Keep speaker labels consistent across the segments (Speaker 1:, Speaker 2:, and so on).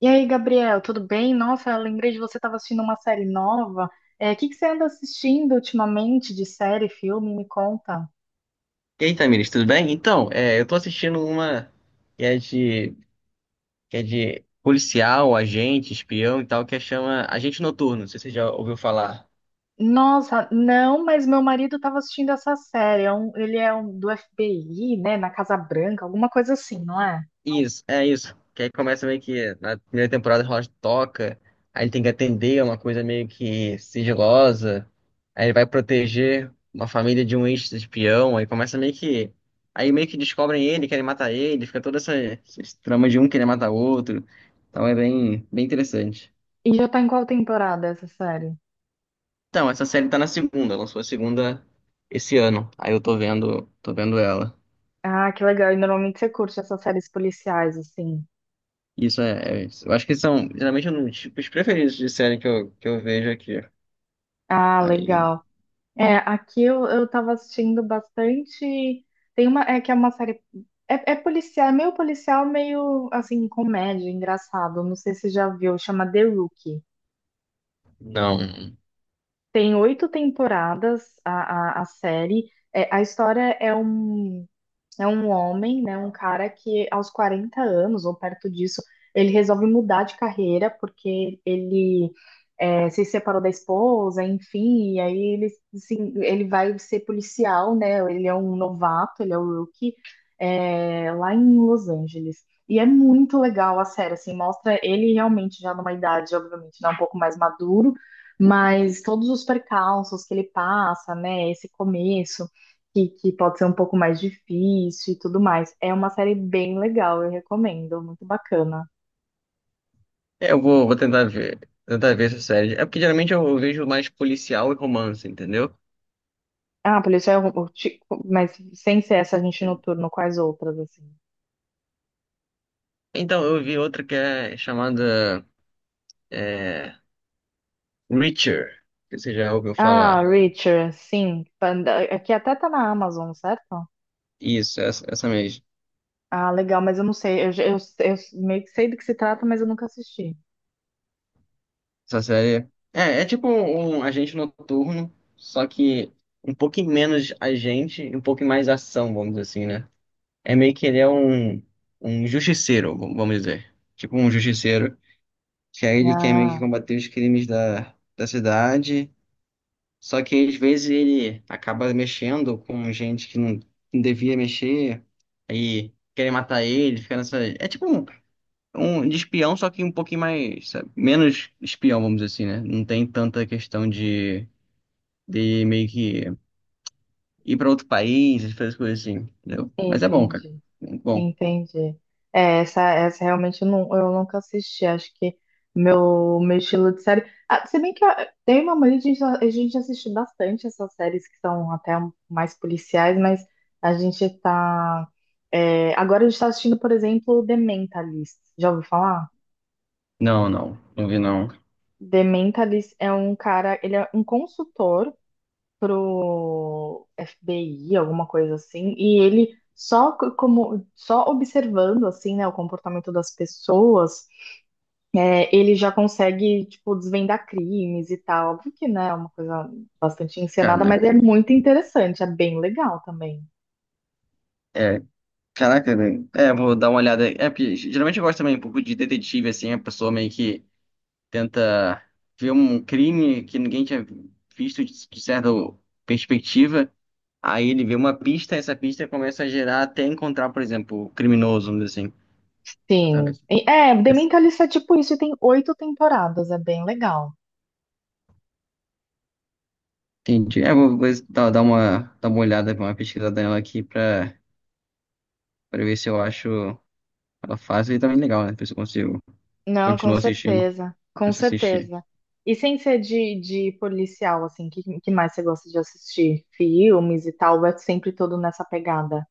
Speaker 1: E aí, Gabriel, tudo bem? Nossa, eu lembrei de você estava assistindo uma série nova. É, o que que você anda assistindo ultimamente de série, filme? Me conta.
Speaker 2: E aí, Tamiris, tudo bem? Então, eu tô assistindo uma que é de, que é de policial, agente, espião e tal, que é chama Agente Noturno, não sei se você já ouviu falar.
Speaker 1: Nossa, não, mas meu marido estava assistindo essa série. Ele é um, do FBI, né? Na Casa Branca, alguma coisa assim, não é?
Speaker 2: Isso, é isso. Que aí começa meio que na primeira temporada rola de toca, aí ele tem que atender a uma coisa meio que sigilosa, aí ele vai proteger uma família de um ex-espião, aí começa meio que. Aí meio que descobrem ele, querem matar ele, fica toda essa trama de um querer matar o outro. Então é bem interessante.
Speaker 1: E já tá em qual temporada essa série?
Speaker 2: Então, essa série tá na segunda, lançou a segunda esse ano. Aí eu tô vendo ela.
Speaker 1: Ah, que legal. E normalmente você curte essas séries policiais, assim.
Speaker 2: Isso. Eu acho que são geralmente um dos tipos preferidos de série que eu vejo aqui.
Speaker 1: Ah,
Speaker 2: Aí,
Speaker 1: legal. É, aqui eu tava assistindo bastante. Tem uma, é que é uma série. É, é policial, é meio policial, meio assim, comédia, engraçado. Não sei se você já viu, chama The Rookie.
Speaker 2: não.
Speaker 1: Tem oito temporadas a série. É, a história é um. É um homem, né, um cara que aos 40 anos ou perto disso, ele resolve mudar de carreira porque se separou da esposa, enfim, e aí ele, assim, ele vai ser policial, né? Ele é um novato, ele é o rookie, é, lá em Los Angeles. E é muito legal a série, assim, mostra ele realmente já numa idade, obviamente, né, um pouco mais maduro, mas todos os percalços que ele passa, né, esse começo que pode ser um pouco mais difícil e tudo mais. É uma série bem legal, eu recomendo, muito bacana.
Speaker 2: É, vou tentar ver essa série. É porque geralmente eu vejo mais policial e romance, entendeu?
Speaker 1: Ah, policial, mas sem ser essa gente noturno, quais outras assim?
Speaker 2: Então, eu vi outra que é chamada é, Reacher, que você já ouviu
Speaker 1: Ah,
Speaker 2: falar.
Speaker 1: Reacher, sim, Panda- aqui até tá na Amazon, certo?
Speaker 2: Isso, essa mesmo.
Speaker 1: Ah, legal, mas eu não sei, eu meio que sei do que se trata, mas eu nunca assisti.
Speaker 2: Essa série. É, é tipo um agente noturno, só que um pouquinho menos agente e um pouquinho mais ação, vamos dizer assim, né? É meio que ele é um, um justiceiro, vamos dizer. Tipo um justiceiro, que aí ele quer meio que
Speaker 1: Ah,
Speaker 2: combater os crimes da cidade, só que às vezes ele acaba mexendo com gente que não, não devia mexer, aí querem matar ele, fica nessa. É tipo um um de espião, só que um pouquinho mais, sabe, menos espião, vamos dizer assim, né? Não tem tanta questão de meio que ir pra outro país, essas coisas assim, entendeu? Mas é bom, cara.
Speaker 1: entendi.
Speaker 2: Muito bom.
Speaker 1: Entendi. É, essa realmente eu, não, eu nunca assisti. Acho que meu estilo de série. Ah, se bem que eu tenho uma mania de a gente assistir bastante essas séries que são até mais policiais, mas a gente tá. É, agora a gente tá assistindo, por exemplo, The Mentalist. Já ouviu falar?
Speaker 2: Não, não, não vi não.
Speaker 1: The Mentalist é um cara, ele é um consultor pro FBI, alguma coisa assim, e ele como só observando assim, né, o comportamento das pessoas, é, ele já consegue tipo desvendar crimes e tal. Óbvio que, né, é uma coisa bastante encenada, mas
Speaker 2: Caraca.
Speaker 1: é muito interessante, é bem legal também.
Speaker 2: É, caraca, velho. É, vou dar uma olhada aí. É, porque geralmente eu gosto também um pouco de detetive, assim, a pessoa meio que tenta ver um crime que ninguém tinha visto de certa perspectiva. Aí ele vê uma pista, essa pista começa a gerar até encontrar, por exemplo, o criminoso, vamos dizer assim.
Speaker 1: Sim.
Speaker 2: Talvez.
Speaker 1: É, The
Speaker 2: Essa-
Speaker 1: Mentalist é tipo isso e tem oito temporadas, é bem legal.
Speaker 2: Entendi. É, vou dar uma olhada, uma pesquisada nela aqui pra ver se eu acho ela fácil e também legal, né? Pra ver se eu consigo
Speaker 1: Não, com
Speaker 2: continuar assistindo.
Speaker 1: certeza, com
Speaker 2: Começo a assistir.
Speaker 1: certeza. E sem ser de policial, assim, que mais você gosta de assistir? Filmes e tal, é sempre todo nessa pegada.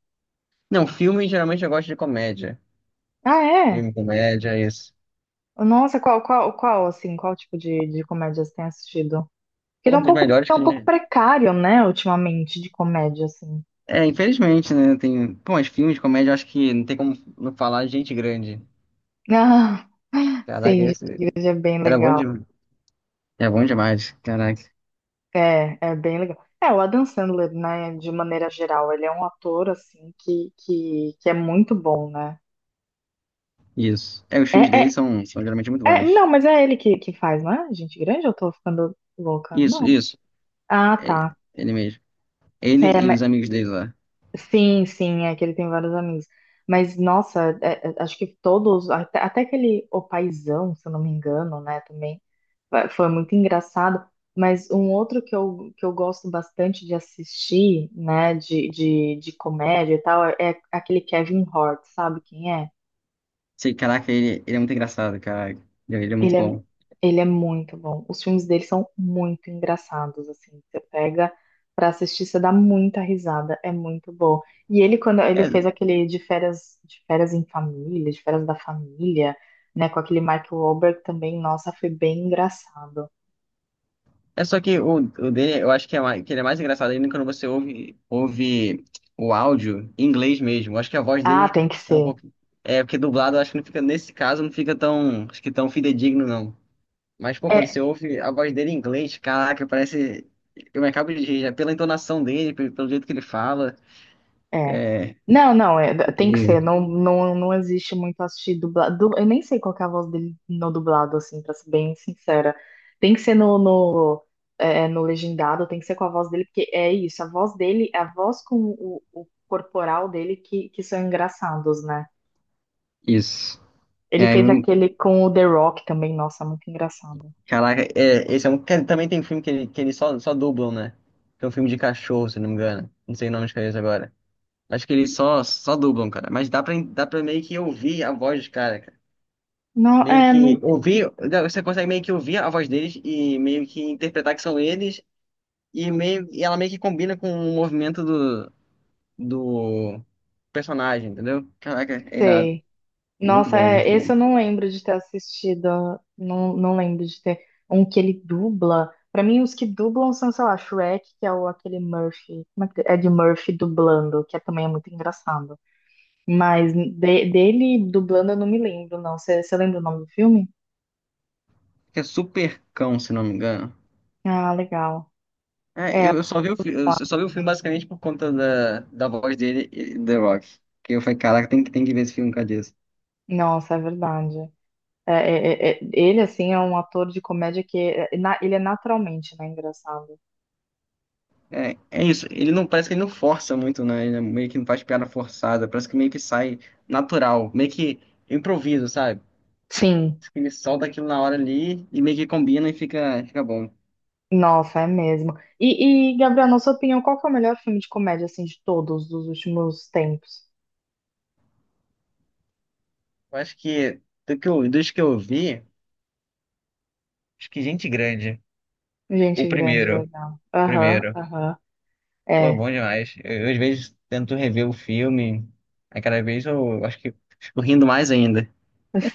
Speaker 2: Não, filme geralmente eu gosto de comédia.
Speaker 1: Ah, é?
Speaker 2: Filme, comédia, isso.
Speaker 1: Nossa, qual tipo de comédia você tem assistido? Porque
Speaker 2: Um dos melhores
Speaker 1: tá
Speaker 2: que
Speaker 1: um
Speaker 2: a
Speaker 1: pouco
Speaker 2: gente...
Speaker 1: precário, né, ultimamente, de comédia, assim.
Speaker 2: É, infelizmente, né? Tem... Pô, mas filmes de comédia eu acho que não tem como não falar de gente grande.
Speaker 1: Ah,
Speaker 2: Caraca,
Speaker 1: sim, gente,
Speaker 2: esse...
Speaker 1: Igreja é bem
Speaker 2: era bom
Speaker 1: legal.
Speaker 2: demais. É bom demais, caraca.
Speaker 1: É, é bem legal. É, o Adam Sandler, né, de maneira geral, ele é um ator, assim, que é muito bom, né?
Speaker 2: Isso. É, os
Speaker 1: É,
Speaker 2: filmes
Speaker 1: é,
Speaker 2: dele são, são geralmente muito bons.
Speaker 1: Não, mas é ele que faz, não é? Gente grande, eu tô ficando louca.
Speaker 2: Isso,
Speaker 1: Não.
Speaker 2: isso.
Speaker 1: Ah,
Speaker 2: Ele,
Speaker 1: tá.
Speaker 2: ele mesmo. Ele
Speaker 1: É,
Speaker 2: e os
Speaker 1: mas-
Speaker 2: amigos dele lá.
Speaker 1: sim, sim, é que ele tem vários amigos. Mas, nossa, é, é, acho que todos, até aquele O Paizão, se eu não me engano, né, também, foi muito engraçado. Mas um outro que eu gosto bastante de assistir, né, de comédia e tal, é aquele Kevin Hart, sabe quem é?
Speaker 2: Sei, caraca, ele é muito engraçado, cara. Ele é muito
Speaker 1: Ele é,
Speaker 2: bom.
Speaker 1: ele é muito bom. Os filmes dele são muito engraçados, assim. Você pega pra assistir, você dá muita risada, é muito bom. E ele, quando ele
Speaker 2: É,
Speaker 1: fez aquele de férias da família, né, com aquele Mark Wahlberg também, nossa, foi bem engraçado.
Speaker 2: é só que o dele, eu acho que, é mais, que ele é mais engraçado ainda quando você ouve o áudio em inglês mesmo. Eu acho que a voz
Speaker 1: Ah,
Speaker 2: dele
Speaker 1: tem que
Speaker 2: é um
Speaker 1: ser.
Speaker 2: pouco. É, porque dublado eu acho que não fica, nesse caso, não fica tão, acho que tão fidedigno, não. Mas, pô, quando
Speaker 1: É,
Speaker 2: você ouve a voz dele em inglês, caraca, parece. Eu me acabo de rir, já pela entonação dele, pelo jeito que ele fala.
Speaker 1: É.
Speaker 2: É,
Speaker 1: Não, é- tem que ser.
Speaker 2: incrível.
Speaker 1: Não, não, não existe muito assistir dublado. Eu nem sei qual que é a voz dele no dublado, assim, pra ser bem sincera. Tem que ser no legendado, tem que ser com a voz dele, porque é isso, a voz dele, a voz com o corporal dele que são engraçados, né?
Speaker 2: Isso. E
Speaker 1: Ele
Speaker 2: aí,
Speaker 1: fez aquele com o The Rock também, nossa, muito engraçado.
Speaker 2: caraca, é, esse é um também tem um filme que eles só dublam, né? Tem um filme de cachorro, se não me engano. Não sei o nome de cabeça agora. Acho que eles só dublam, cara. Mas dá dá pra meio que ouvir a voz dos caras, cara. Meio que
Speaker 1: Não
Speaker 2: ouvir. Você consegue meio que ouvir a voz deles e meio que interpretar que são eles. E, meio, e ela meio que combina com o movimento do personagem, entendeu? Caraca, é irado.
Speaker 1: sei.
Speaker 2: É muito
Speaker 1: Nossa,
Speaker 2: bom,
Speaker 1: é,
Speaker 2: muito
Speaker 1: esse
Speaker 2: bom.
Speaker 1: eu não
Speaker 2: Acho
Speaker 1: lembro de ter assistido. Não, não lembro de ter um que ele dubla. Pra mim, os que dublam são, sei lá, Shrek, que é o, aquele Murphy. Como é que é de Murphy dublando, que é, também é muito engraçado. Mas dele dublando eu não me lembro, não. Você lembra o nome do filme?
Speaker 2: que é Super Cão, se não me engano.
Speaker 1: Ah, legal.
Speaker 2: É, eu só vi eu só vi o filme basicamente por conta da voz dele, e The Rock. Que eu falei, caraca, tem que ver esse filme com a Jess.
Speaker 1: Nossa, é verdade. Ele, assim, é um ator de comédia que é- é na- ele é naturalmente, né, engraçado.
Speaker 2: É, é isso, ele não parece que ele não força muito, né? Ele é meio que não faz piada forçada, parece que meio que sai natural, meio que improviso, sabe?
Speaker 1: Sim.
Speaker 2: Parece que ele solta aquilo na hora ali e meio que combina e fica, fica bom.
Speaker 1: Nossa, é mesmo. Gabriel, na sua opinião, qual que é o melhor filme de comédia, assim, de todos, dos últimos tempos?
Speaker 2: Eu acho que do que eu, dos que eu vi, acho que Gente Grande, o
Speaker 1: Gente grande,
Speaker 2: primeiro, o
Speaker 1: legal. Aham,
Speaker 2: primeiro.
Speaker 1: aham.
Speaker 2: Pô, é
Speaker 1: É,
Speaker 2: bom demais. Eu, às vezes, tento rever o filme. Aí, cada vez, eu acho que fico rindo mais ainda.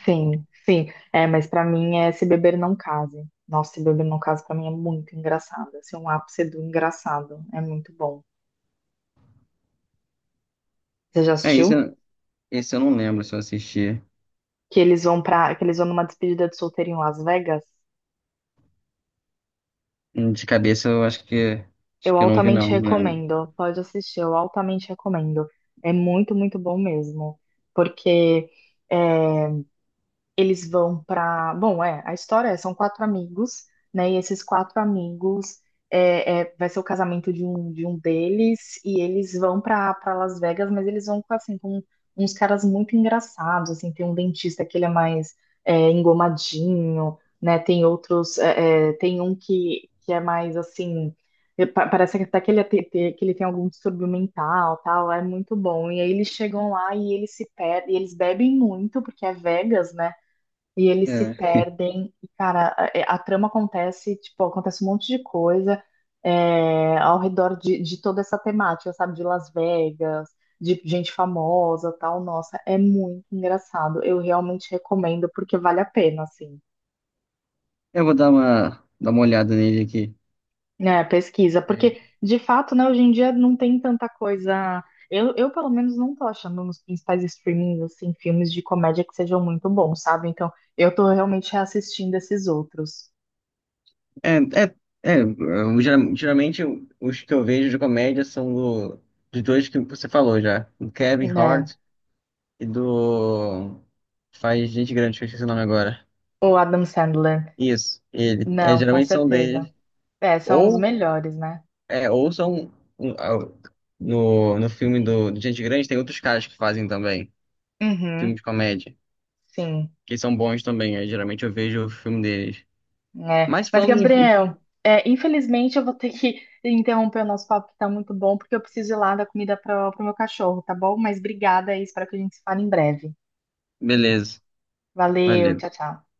Speaker 1: sim, sim. É, mas pra mim é Se Beber Não Case. Nossa, Se Beber Não Case pra mim é muito engraçado. Assim, é um ápice do engraçado. É muito bom. Você já
Speaker 2: É, isso,
Speaker 1: assistiu?
Speaker 2: esse eu não lembro se eu assisti.
Speaker 1: Que eles vão numa despedida de solteiro em Las Vegas?
Speaker 2: De cabeça, eu acho acho
Speaker 1: Eu
Speaker 2: que eu não vi,
Speaker 1: altamente
Speaker 2: não. Não lembro.
Speaker 1: recomendo. Pode assistir, eu altamente recomendo. É muito, muito bom mesmo. Porque eh, eles vão para. Bom, é, a história é, são quatro amigos, né? E esses quatro amigos vai ser o casamento de um deles, e eles vão para Las Vegas, mas eles vão com, assim, com uns caras muito engraçados, assim, tem um dentista que ele é mais é, engomadinho, né? Tem outros, tem um que é mais assim. Parece que até que ele, é te- te- que ele tem algum distúrbio mental, tal, é muito bom. E aí eles chegam lá e eles se perdem, e eles bebem muito, porque é Vegas, né? E eles se
Speaker 2: É,
Speaker 1: perdem, e, cara, a trama acontece, tipo, acontece um monte de coisa é, ao redor de toda essa temática, sabe? De Las Vegas, de gente famosa, tal. Nossa, é muito engraçado. Eu realmente recomendo, porque vale a pena, assim,
Speaker 2: eu vou dar uma olhada nele aqui.
Speaker 1: né? Pesquisa.
Speaker 2: É,
Speaker 1: Porque, de fato, né, hoje em dia não tem tanta coisa. Pelo menos, não tô achando nos principais streamings, assim, filmes de comédia que sejam muito bons, sabe? Então, eu tô realmente reassistindo esses outros.
Speaker 2: é, é, eu geralmente os que eu vejo de comédia são dos dois que você falou já, do Kevin
Speaker 1: Né.
Speaker 2: Hart e do faz Gente Grande, que eu esqueci o nome agora.
Speaker 1: O Adam Sandler.
Speaker 2: Isso, ele. É,
Speaker 1: Não, com
Speaker 2: geralmente são
Speaker 1: certeza.
Speaker 2: dele.
Speaker 1: É, são os
Speaker 2: Ou,
Speaker 1: melhores, né?
Speaker 2: é, ou são um, ah, no, no filme do Gente Grande tem outros caras que fazem também. Filme
Speaker 1: Uhum,
Speaker 2: de comédia.
Speaker 1: sim.
Speaker 2: Que são bons também. Aí, geralmente eu vejo o filme deles.
Speaker 1: É.
Speaker 2: Mas
Speaker 1: Mas,
Speaker 2: falando em...
Speaker 1: Gabriel, é, infelizmente eu vou ter que interromper o nosso papo, que tá muito bom, porque eu preciso ir lá dar comida para o meu cachorro, tá bom? Mas obrigada aí, espero que a gente se fale em breve.
Speaker 2: Beleza.
Speaker 1: Valeu,
Speaker 2: Valeu.
Speaker 1: tchau, tchau.